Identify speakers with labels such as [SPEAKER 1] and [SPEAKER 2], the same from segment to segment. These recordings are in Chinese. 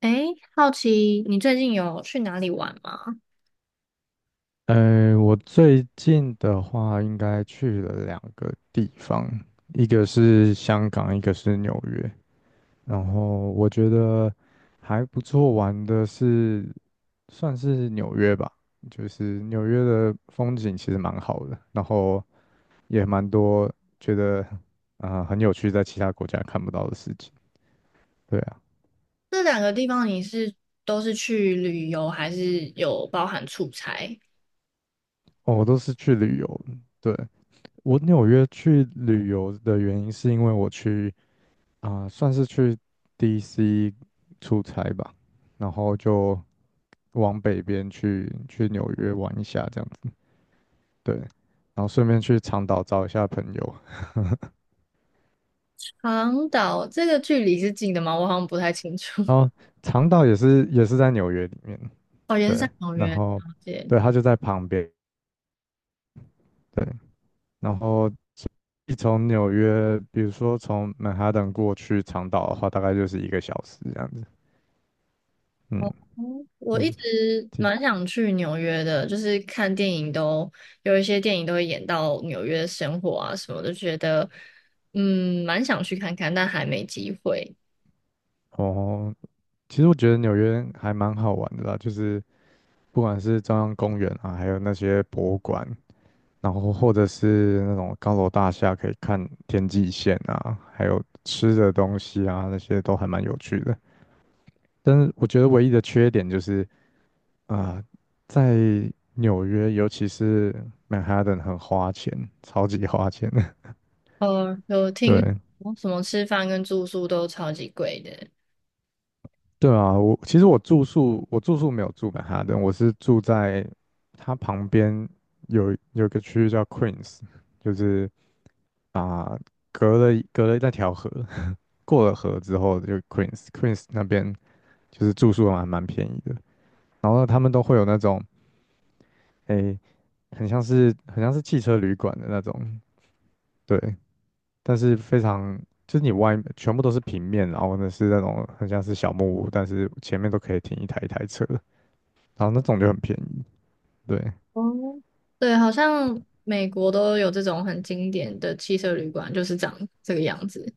[SPEAKER 1] 诶，好奇你最近有去哪里玩吗？
[SPEAKER 2] 我最近的话应该去了两个地方，一个是香港，一个是纽约。然后我觉得还不错玩的是，算是纽约吧，就是纽约的风景其实蛮好的，然后也蛮多觉得很有趣，在其他国家看不到的事情。对啊，
[SPEAKER 1] 这两个地方你是都是去旅游，还是有包含出差？
[SPEAKER 2] 哦我都是去旅游的，对，我纽约去旅游的原因是因为我去。算是去 DC 出差吧，然后就往北边去纽约玩一下这样子，对，然后顺便去长岛找一下朋友，
[SPEAKER 1] 长岛这个距离是近的吗？我好像不太清楚。
[SPEAKER 2] 然后 长岛也是在纽约里面，
[SPEAKER 1] 哦，也是
[SPEAKER 2] 对，
[SPEAKER 1] 在纽
[SPEAKER 2] 然
[SPEAKER 1] 约，了
[SPEAKER 2] 后
[SPEAKER 1] 解。
[SPEAKER 2] 对，它就在旁边，对，然后一从纽约，比如说从曼哈顿过去长岛的话，大概就是1个小时这样子，嗯
[SPEAKER 1] 哦，我
[SPEAKER 2] 嗯，
[SPEAKER 1] 一直
[SPEAKER 2] 其
[SPEAKER 1] 蛮想去纽约的，就是看电影都有一些电影都会演到纽约生活啊什么的，觉得蛮想去看看，但还没机会。
[SPEAKER 2] 哦，其实我觉得纽约还蛮好玩的啦，就是。不管是中央公园啊，还有那些博物馆，然后或者是那种高楼大厦，可以看天际线啊，还有吃的东西啊，那些都还蛮有趣的。但是我觉得唯一的缺点就是啊、在纽约，尤其是曼哈顿，很花钱，超级花钱的。
[SPEAKER 1] 呃，有 听
[SPEAKER 2] 对，
[SPEAKER 1] 说什么吃饭跟住宿都超级贵的。
[SPEAKER 2] 对啊，我其实我住宿没有住曼哈顿，我是住在它旁边有一个区域叫 Queens，就是。啊，隔了那条河，过了河之后就 Queens，Queens 那边就是住宿还蛮便宜的。然后他们都会有那种，诶、很像是汽车旅馆的那种，对，但是非常就是你外全部都是平面，然后呢是那种很像是小木屋，但是前面都可以停一台一台车，然后那种就很便宜，对，
[SPEAKER 1] 哦，对，好像美国都有这种很经典的汽车旅馆，就是长这个样子。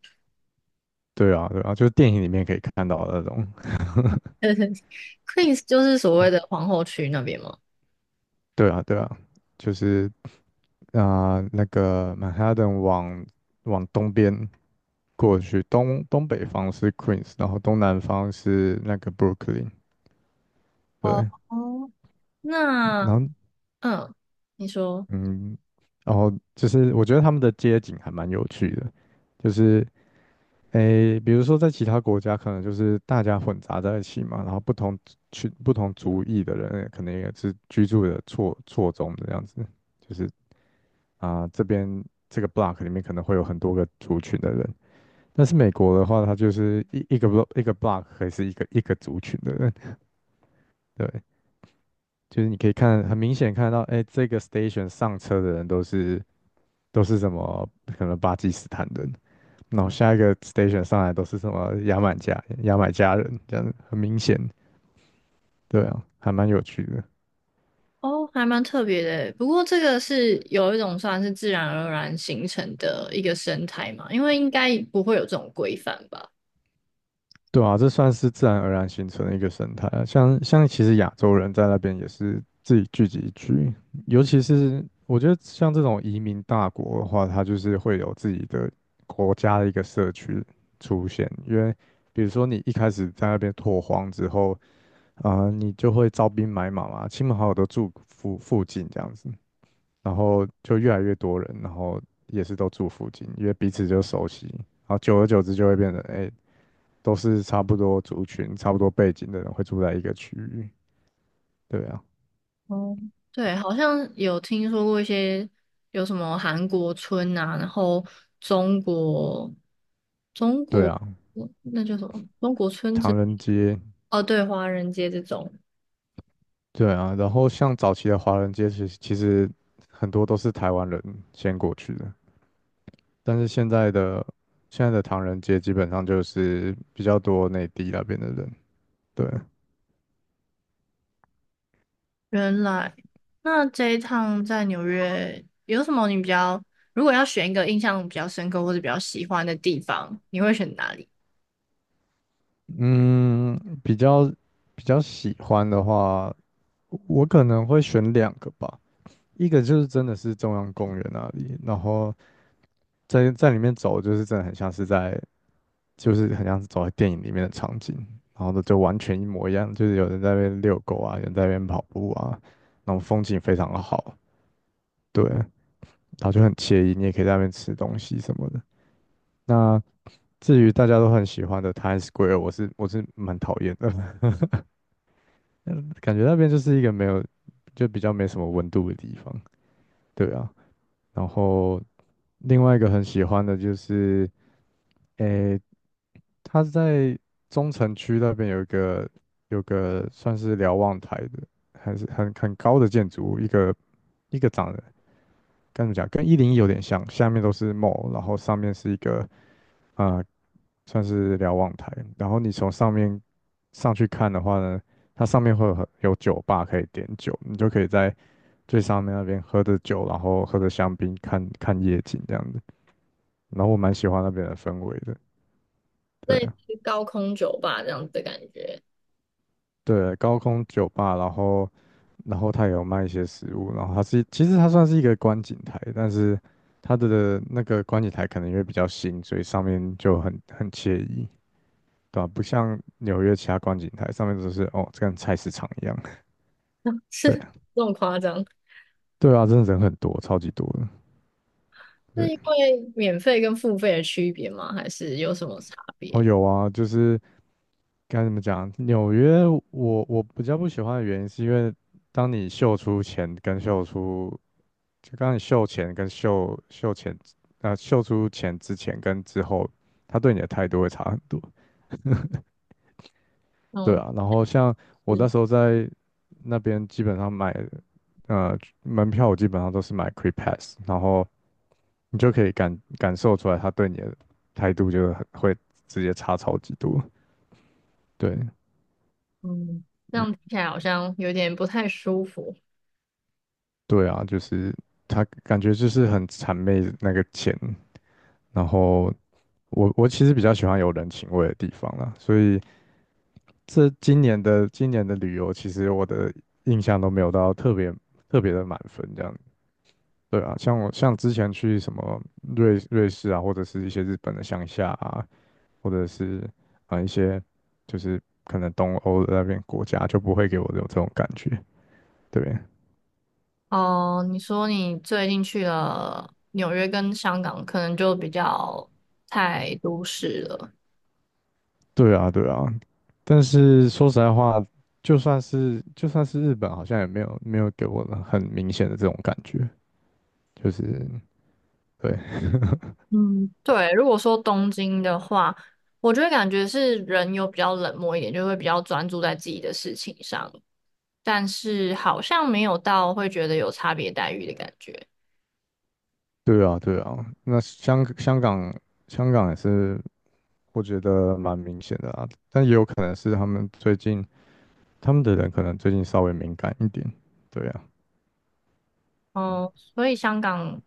[SPEAKER 2] 对啊，对啊，就是电影里面可以看到的那种，
[SPEAKER 1] Queens 就是所谓的皇后区那边吗？
[SPEAKER 2] 对啊，对啊，就是那个曼哈顿往东边，过去，东北方是 Queens，然后东南方是那个 Brooklyn，
[SPEAKER 1] 哦，
[SPEAKER 2] 对，
[SPEAKER 1] 哦。那
[SPEAKER 2] 然后
[SPEAKER 1] 嗯，你说
[SPEAKER 2] 嗯，然后就是我觉得他们的街景还蛮有趣的，就是诶，比如说在其他国家可能就是大家混杂在一起嘛，然后不同族裔的人可能也是居住的错综的这样子，就是这边这个 block 里面可能会有很多个族群的人，但是美国的话，它就是一个 block 一个 block 可以是一个一个族群的人。对，就是你可以看很明显看到，哎，这个 station 上车的人都是什么可能巴基斯坦人，然后下一个 station 上来都是什么牙买加人，这样很明显，对啊，还蛮有趣的。
[SPEAKER 1] 哦，还蛮特别的欸。不过这个是有一种算是自然而然形成的一个生态嘛，因为应该不会有这种规范吧。
[SPEAKER 2] 对啊，这算是自然而然形成的一个生态啊。像其实亚洲人在那边也是自己聚集区，尤其是我觉得像这种移民大国的话，它就是会有自己的国家的一个社区出现。因为比如说你一开始在那边拓荒之后，你就会招兵买马嘛，亲朋好友都住附近这样子，然后就越来越多人，然后也是都住附近，因为彼此就熟悉，然后久而久之就会变成，哎、都是差不多族群、差不多背景的人会住在一个区域。对啊，
[SPEAKER 1] 哦，对，好像有听说过一些有什么韩国村啊，然后中国中
[SPEAKER 2] 对
[SPEAKER 1] 国
[SPEAKER 2] 啊，
[SPEAKER 1] 那叫什么中国村子？
[SPEAKER 2] 唐人街，
[SPEAKER 1] 哦，对，华人街这种。
[SPEAKER 2] 对啊，然后像早期的华人街，其实很多都是台湾人先过去的，但是现在的唐人街基本上就是比较多内地那边的人。对，
[SPEAKER 1] 原来，那这一趟在纽约有什么你比较，如果要选一个印象比较深刻或者比较喜欢的地方，你会选哪里？
[SPEAKER 2] 嗯，比较比较喜欢的话，我可能会选两个吧。一个就是真的是中央公园那里，然后在里面走，就是真的很像是在，就是很像是走在电影里面的场景，然后呢就完全一模一样，就是有人在那边遛狗啊，有人在那边跑步啊，然后风景非常的好，对，然后就很惬意，你也可以在那边吃东西什么的。那至于大家都很喜欢的 Times Square，我是蛮讨厌的，嗯感觉那边就是一个没有，就比较没什么温度的地方，对啊。然后另外一个很喜欢的就是，诶，它是在中城区那边有个算是瞭望台的，还是很高的建筑物，一个长跟该怎么讲，跟101有点像，下面都是 mall，然后上面是一个啊、呃算是瞭望台，然后你从上面上去看的话呢，它上面会有有酒吧可以点酒，你就可以在最上面那边喝着酒，然后喝着香槟看看夜景这样子，然后我蛮喜欢那边的氛围的，对
[SPEAKER 1] 类似
[SPEAKER 2] 啊。
[SPEAKER 1] 高空酒吧这样子的感觉，
[SPEAKER 2] 对，高空酒吧，然后它也有卖一些食物，然后它是其实它算是一个观景台，但是它的那个观景台可能因为比较新，所以上面就很惬意，对吧、不像纽约其他观景台上面都是哦，这跟菜市场一样。
[SPEAKER 1] 是
[SPEAKER 2] 对，
[SPEAKER 1] 这么夸张？
[SPEAKER 2] 对啊，真的人很多，超级多的。对，
[SPEAKER 1] 是因为免费跟付费的区别吗？还是有什么差
[SPEAKER 2] 哦
[SPEAKER 1] 别？
[SPEAKER 2] 有啊，就是该怎么讲，纽约我比较不喜欢的原因是因为当你秀出钱跟秀出就刚你秀前跟秀前，秀出前之前跟之后，他对你的态度会差很多。对
[SPEAKER 1] 嗯，
[SPEAKER 2] 啊，然后像我
[SPEAKER 1] 是，
[SPEAKER 2] 那时候在那边，基本上买门票，我基本上都是买 Cree Pass，然后你就可以感受出来他对你的态度就是很会直接差超级多。对，
[SPEAKER 1] 嗯，这
[SPEAKER 2] 嗯，
[SPEAKER 1] 样听起来好像有点不太舒服。
[SPEAKER 2] 对啊，就是他感觉就是很谄媚那个钱，然后我其实比较喜欢有人情味的地方啦，所以。这今年的旅游，其实我的印象都没有到特别的满分这样。对啊，像之前去什么瑞士啊，或者是一些日本的乡下啊，或者是一些就是可能东欧的那边国家，就不会给我有这种感觉。对，
[SPEAKER 1] 哦，你说你最近去了纽约跟香港，可能就比较太都市了。
[SPEAKER 2] 对啊，对啊。但是说实在话，就算是日本，好像也没有给我很明显的这种感觉，就是对。
[SPEAKER 1] 嗯，对，如果说东京的话，我觉得感觉是人有比较冷漠一点，就会比较专注在自己的事情上，但是好像没有到会觉得有差别待遇的感觉。
[SPEAKER 2] 对啊，对啊，那香港也是，我觉得蛮明显的啊，但也有可能是他们最近他们的人可能最近稍微敏感一点，对啊，
[SPEAKER 1] 哦，所以香港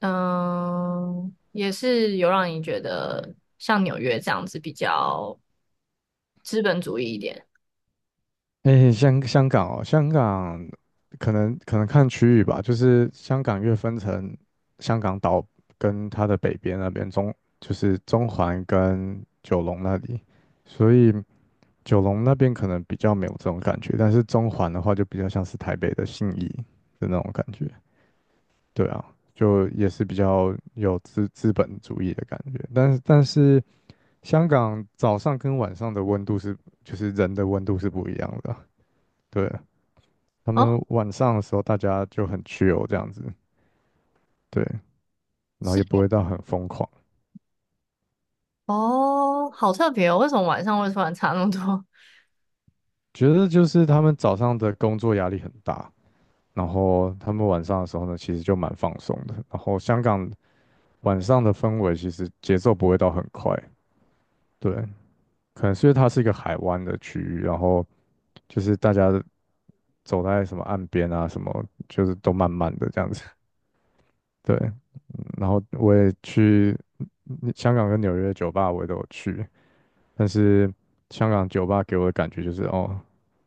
[SPEAKER 1] 嗯，也是有让你觉得像纽约这样子比较资本主义一点。
[SPEAKER 2] 诶，香港哦，香港可能看区域吧，就是香港越分成香港岛跟它的北边那边就是中环跟九龙那里，所以九龙那边可能比较没有这种感觉，但是中环的话就比较像是台北的信义的那种感觉。对啊，就也是比较有资本主义的感觉，但是香港早上跟晚上的温度是，就是人的温度是不一样的啊，对，他
[SPEAKER 1] 哦，
[SPEAKER 2] 们晚上的时候大家就很 chill 这样子，对，然后
[SPEAKER 1] 是
[SPEAKER 2] 也不会到很疯狂，
[SPEAKER 1] 哦，好特别哦！为什么晚上会突然差那么多？
[SPEAKER 2] 觉得就是他们早上的工作压力很大，然后他们晚上的时候呢，其实就蛮放松的，然后香港晚上的氛围其实节奏不会到很快，对，可能是因为它是一个海湾的区域，然后。就是大家走在什么岸边啊，什么就是都慢慢的这样子。对，然后我也去香港跟纽约的酒吧，我也都有去，但是香港酒吧给我的感觉就是哦，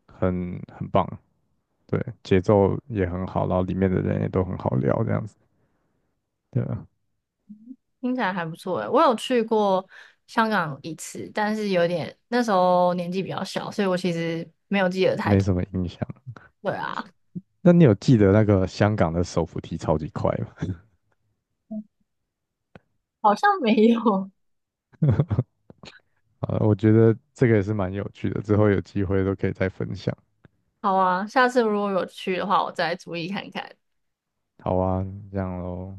[SPEAKER 2] 很棒，对，节奏也很好，然后里面的人也都很好聊这样子，对啊，
[SPEAKER 1] 听起来还不错诶。我有去过香港一次，但是有点那时候年纪比较小，所以我其实没有记得太
[SPEAKER 2] 没
[SPEAKER 1] 多。
[SPEAKER 2] 什么印象。
[SPEAKER 1] 对啊，
[SPEAKER 2] 那你有记得那个香港的手扶梯超级快吗？
[SPEAKER 1] 好像没有。
[SPEAKER 2] 啊，我觉得这个也是蛮有趣的，之后有机会都可以再分享。
[SPEAKER 1] 好啊，下次如果有去的话，我再注意看看。
[SPEAKER 2] 好啊，这样喽，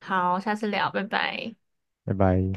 [SPEAKER 1] 好，下次聊，拜拜。
[SPEAKER 2] 拜拜。